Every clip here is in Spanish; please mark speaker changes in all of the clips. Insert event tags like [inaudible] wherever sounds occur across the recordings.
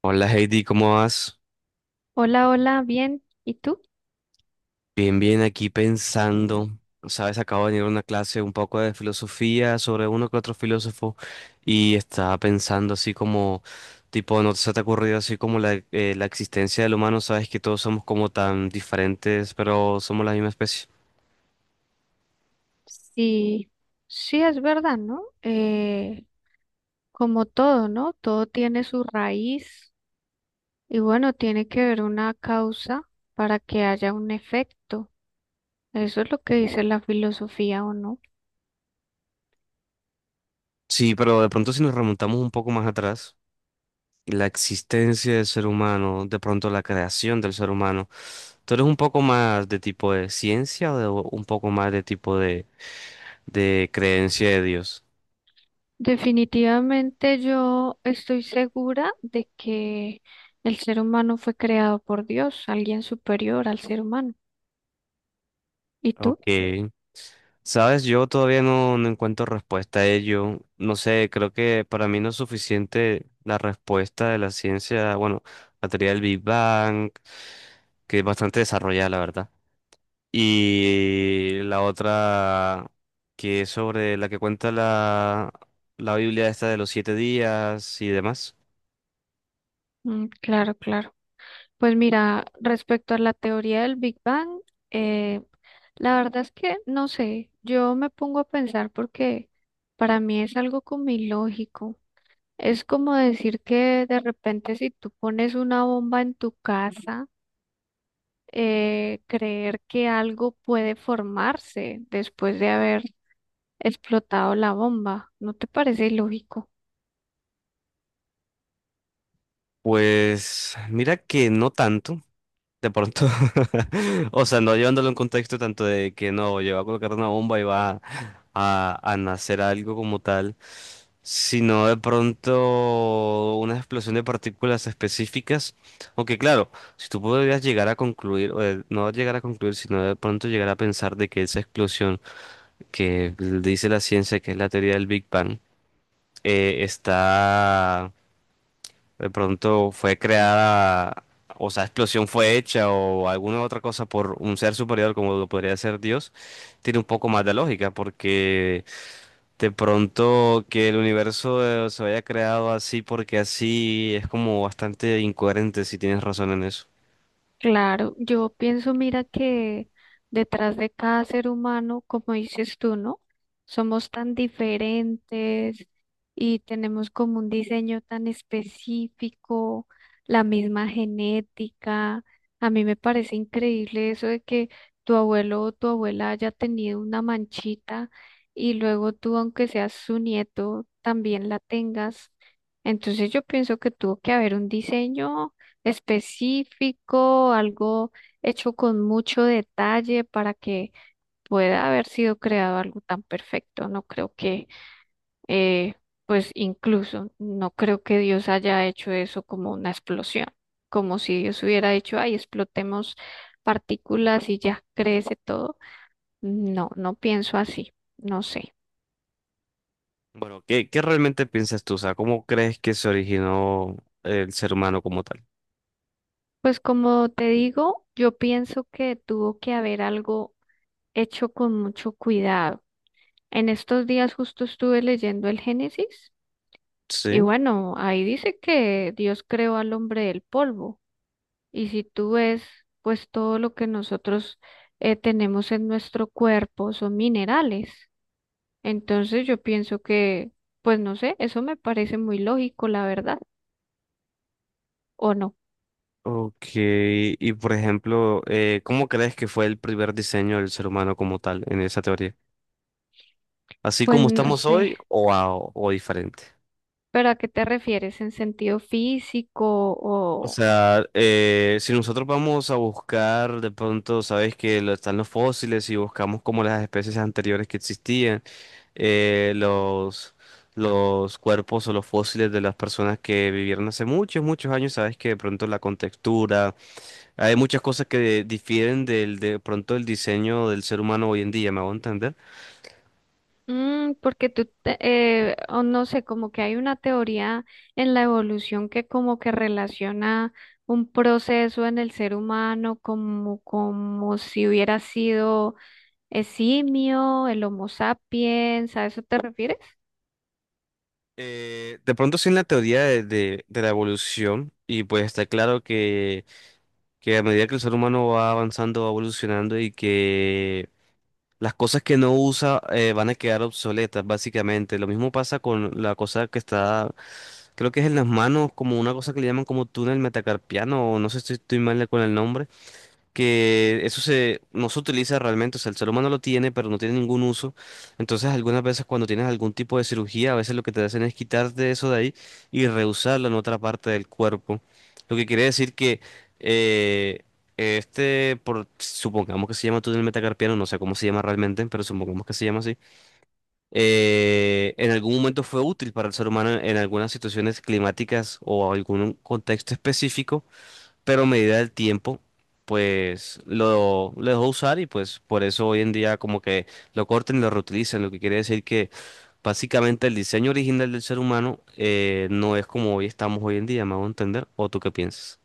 Speaker 1: Hola Heidi, ¿cómo vas?
Speaker 2: Hola, hola, bien. ¿Y tú?
Speaker 1: Bien, bien, aquí pensando. Sabes, acabo de venir a una clase un poco de filosofía sobre uno que otro filósofo y estaba pensando así como, tipo, ¿no se te ha ocurrido así como la existencia del humano? Sabes que todos somos como tan diferentes, pero somos la misma especie.
Speaker 2: Sí, sí es verdad, ¿no? Como todo, ¿no? Todo tiene su raíz. Y bueno, tiene que haber una causa para que haya un efecto. Eso es lo que dice la filosofía, ¿o no?
Speaker 1: Sí, pero de pronto si nos remontamos un poco más atrás, la existencia del ser humano, de pronto la creación del ser humano, ¿tú eres un poco más de tipo de ciencia o de un poco más de tipo de creencia de Dios?
Speaker 2: Definitivamente yo estoy segura de que el ser humano fue creado por Dios, alguien superior al ser humano. ¿Y tú?
Speaker 1: Ok. Sabes, yo todavía no, encuentro respuesta a ello. No sé, creo que para mí no es suficiente la respuesta de la ciencia, bueno, la teoría del Big Bang, que es bastante desarrollada, la verdad. Y la otra, que es sobre la que cuenta la Biblia esta de los siete días y demás.
Speaker 2: Claro, claro. Pues mira, respecto a la teoría del Big Bang, eh, la verdad es que no sé, yo me pongo a pensar porque para mí es algo como ilógico. Es como decir que de repente si tú pones una bomba en tu casa, creer que algo puede formarse después de haber explotado la bomba, ¿no te parece ilógico?
Speaker 1: Pues mira que no tanto, de pronto. [laughs] O sea, no llevándolo en contexto tanto de que no, yo voy a colocar una bomba y va a nacer algo como tal, sino de pronto una explosión de partículas específicas. Aunque claro, si tú podrías llegar a concluir, no llegar a concluir, sino de pronto llegar a pensar de que esa explosión que dice la ciencia, que es la teoría del Big Bang, está de pronto fue creada, o sea, explosión fue hecha o alguna otra cosa por un ser superior como lo podría ser Dios, tiene un poco más de lógica porque de pronto que el universo se haya creado así porque así es como bastante incoherente si tienes razón en eso.
Speaker 2: Claro, yo pienso, mira que detrás de cada ser humano, como dices tú, ¿no? Somos tan diferentes y tenemos como un diseño tan específico, la misma genética. A mí me parece increíble eso de que tu abuelo o tu abuela haya tenido una manchita y luego tú, aunque seas su nieto, también la tengas. Entonces yo pienso que tuvo que haber un diseño específico, algo hecho con mucho detalle para que pueda haber sido creado algo tan perfecto. No creo que, eh, pues incluso, no creo que Dios haya hecho eso como una explosión, como si Dios hubiera dicho, ay, explotemos partículas y ya crece todo. No, no pienso así, no sé.
Speaker 1: Bueno, ¿qué realmente piensas tú? O sea, ¿cómo crees que se originó el ser humano como tal?
Speaker 2: Pues como te digo, yo pienso que tuvo que haber algo hecho con mucho cuidado. En estos días justo estuve leyendo el Génesis y
Speaker 1: Sí.
Speaker 2: bueno, ahí dice que Dios creó al hombre del polvo. Y si tú ves, pues todo lo que nosotros tenemos en nuestro cuerpo son minerales. Entonces yo pienso que, pues no sé, eso me parece muy lógico, la verdad, ¿o no?
Speaker 1: Ok, y por ejemplo, ¿cómo crees que fue el primer diseño del ser humano como tal en esa teoría? Así
Speaker 2: Pues
Speaker 1: como
Speaker 2: no
Speaker 1: estamos
Speaker 2: sé.
Speaker 1: hoy o, o diferente.
Speaker 2: ¿Pero a qué te refieres? ¿En sentido físico
Speaker 1: O
Speaker 2: o,
Speaker 1: sea, si nosotros vamos a buscar de pronto, sabes que están los fósiles y buscamos como las especies anteriores que existían, eh, los, los cuerpos o los fósiles de las personas que vivieron hace muchos, muchos años, sabes que de pronto la contextura, hay muchas cosas que difieren del, de pronto el diseño del ser humano hoy en día, ¿me hago entender?
Speaker 2: Porque o no sé, como que hay una teoría en la evolución que como que relaciona un proceso en el ser humano como, como si hubiera sido el simio, el Homo sapiens, ¿a eso te refieres?
Speaker 1: De pronto sí en la teoría de la evolución y pues está claro que a medida que el ser humano va avanzando, va evolucionando y que las cosas que no usa van a quedar obsoletas, básicamente. Lo mismo pasa con la cosa que está, creo que es en las manos, como una cosa que le llaman como túnel metacarpiano, o no sé si estoy mal con el nombre que eso se, no se utiliza realmente, o sea, el ser humano lo tiene, pero no tiene ningún uso. Entonces, algunas veces cuando tienes algún tipo de cirugía, a veces lo que te hacen es quitarte eso de ahí y reusarlo en otra parte del cuerpo. Lo que quiere decir que eh, supongamos que se llama túnel metacarpiano, no sé cómo se llama realmente, pero supongamos que se llama así, en algún momento fue útil para el ser humano en algunas situaciones climáticas o algún contexto específico, pero a medida del tiempo, pues lo dejó usar y pues por eso hoy en día como que lo cortan y lo reutilizan, lo que quiere decir que básicamente el diseño original del ser humano no es como hoy estamos hoy en día, me hago entender, ¿o tú qué piensas?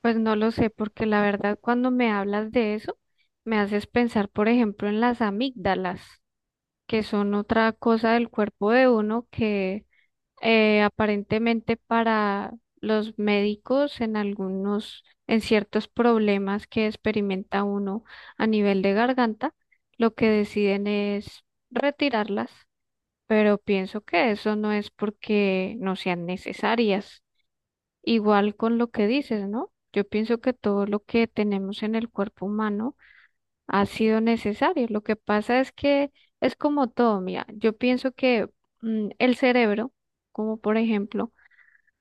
Speaker 2: Pues no lo sé, porque la verdad cuando me hablas de eso, me haces pensar, por ejemplo, en las amígdalas, que son otra cosa del cuerpo de uno que aparentemente para los médicos en algunos, en ciertos problemas que experimenta uno a nivel de garganta, lo que deciden es retirarlas, pero pienso que eso no es porque no sean necesarias. Igual con lo que dices, ¿no? Yo pienso que todo lo que tenemos en el cuerpo humano ha sido necesario. Lo que pasa es que es como todo, mira, yo pienso que el cerebro, como por ejemplo,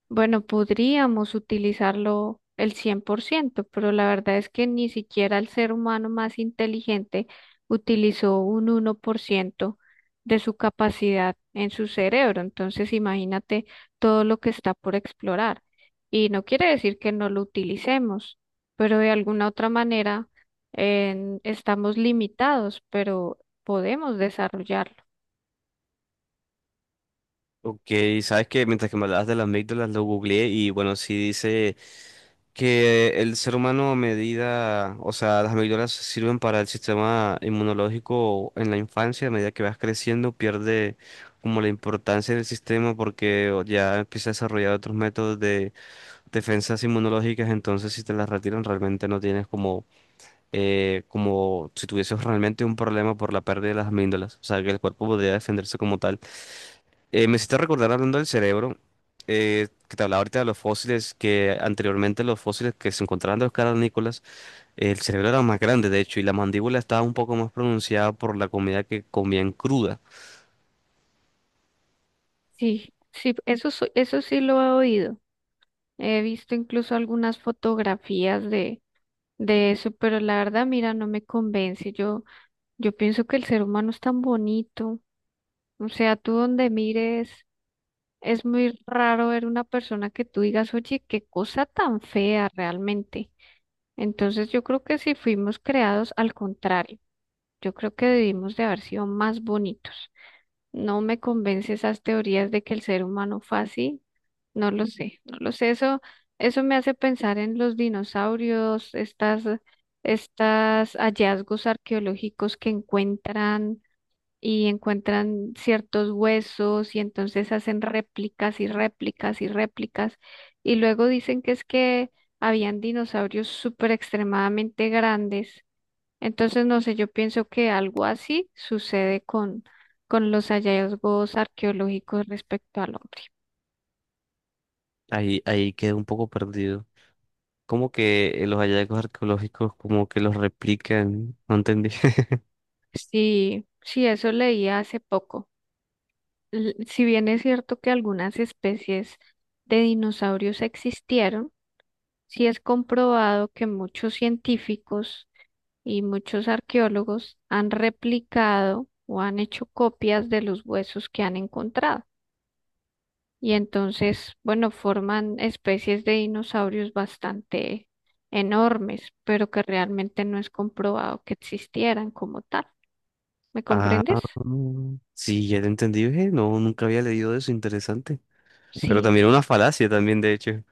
Speaker 2: bueno, podríamos utilizarlo el 100%, pero la verdad es que ni siquiera el ser humano más inteligente utilizó un 1% de su capacidad en su cerebro. Entonces, imagínate todo lo que está por explorar. Y no quiere decir que no lo utilicemos, pero de alguna otra manera estamos limitados, pero podemos desarrollarlo.
Speaker 1: Ok, sabes que mientras que me hablabas de las amígdalas lo googleé y bueno, sí dice que el ser humano a medida, o sea, las medidas sirven para el sistema inmunológico en la infancia, a medida que vas creciendo, pierde como la importancia del sistema porque o, ya empieza a desarrollar otros métodos de defensas inmunológicas, entonces si te las retiran realmente no tienes como, como si tuvieses realmente un problema por la pérdida de las amígdalas, o sea, que el cuerpo podría defenderse como tal. Me hiciste recordar hablando del cerebro, que te hablaba ahorita de los fósiles, que anteriormente los fósiles que se encontraban de los cavernícolas, el cerebro era más grande, de hecho, y la mandíbula estaba un poco más pronunciada por la comida que comían cruda.
Speaker 2: Sí, sí, eso, eso sí lo he oído. He visto incluso algunas fotografías de eso, pero la verdad, mira, no me convence. Yo pienso que el ser humano es tan bonito. O sea, tú donde mires, es muy raro ver una persona que tú digas, oye, qué cosa tan fea realmente. Entonces, yo creo que si fuimos creados al contrario, yo creo que debimos de haber sido más bonitos. No me convence esas teorías de que el ser humano fue así. No lo sé, no lo sé. Eso me hace pensar en los dinosaurios, estas, estas hallazgos arqueológicos que encuentran y encuentran ciertos huesos y entonces hacen réplicas y réplicas y réplicas. Y luego dicen que es que habían dinosaurios súper extremadamente grandes, entonces, no sé, yo pienso que algo así sucede con los hallazgos arqueológicos respecto al hombre.
Speaker 1: Ahí quedé un poco perdido. Como que los hallazgos arqueológicos como que los replican, no entendí. [laughs]
Speaker 2: Sí, sí, eso leí hace poco. Si bien es cierto que algunas especies de dinosaurios existieron, sí es comprobado que muchos científicos y muchos arqueólogos han replicado o han hecho copias de los huesos que han encontrado, y entonces, bueno, forman especies de dinosaurios bastante enormes, pero que realmente no es comprobado que existieran como tal. ¿Me
Speaker 1: Ah,
Speaker 2: comprendes?
Speaker 1: mm, sí, ya te entendí, ve. No, nunca había leído eso, interesante. Pero
Speaker 2: Sí,
Speaker 1: también era una falacia también, de hecho. O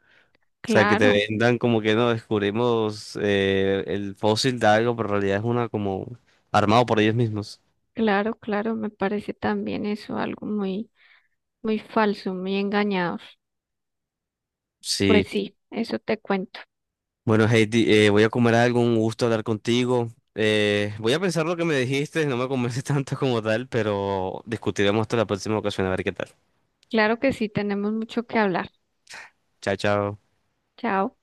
Speaker 1: sea, que te
Speaker 2: claro,
Speaker 1: vendan como que no descubrimos el fósil de algo, pero en realidad es una como armado por ellos mismos.
Speaker 2: claro, claro, me parece también eso algo muy, muy falso, muy engañador. Pues
Speaker 1: Sí.
Speaker 2: sí, eso te cuento.
Speaker 1: Bueno, Heidi, voy a comer algo, un gusto hablar contigo. Voy a pensar lo que me dijiste, no me convence [laughs] tanto como tal, pero discutiremos hasta la próxima ocasión a ver qué tal.
Speaker 2: Claro que sí, tenemos mucho que hablar.
Speaker 1: Chao, chao.
Speaker 2: Chao.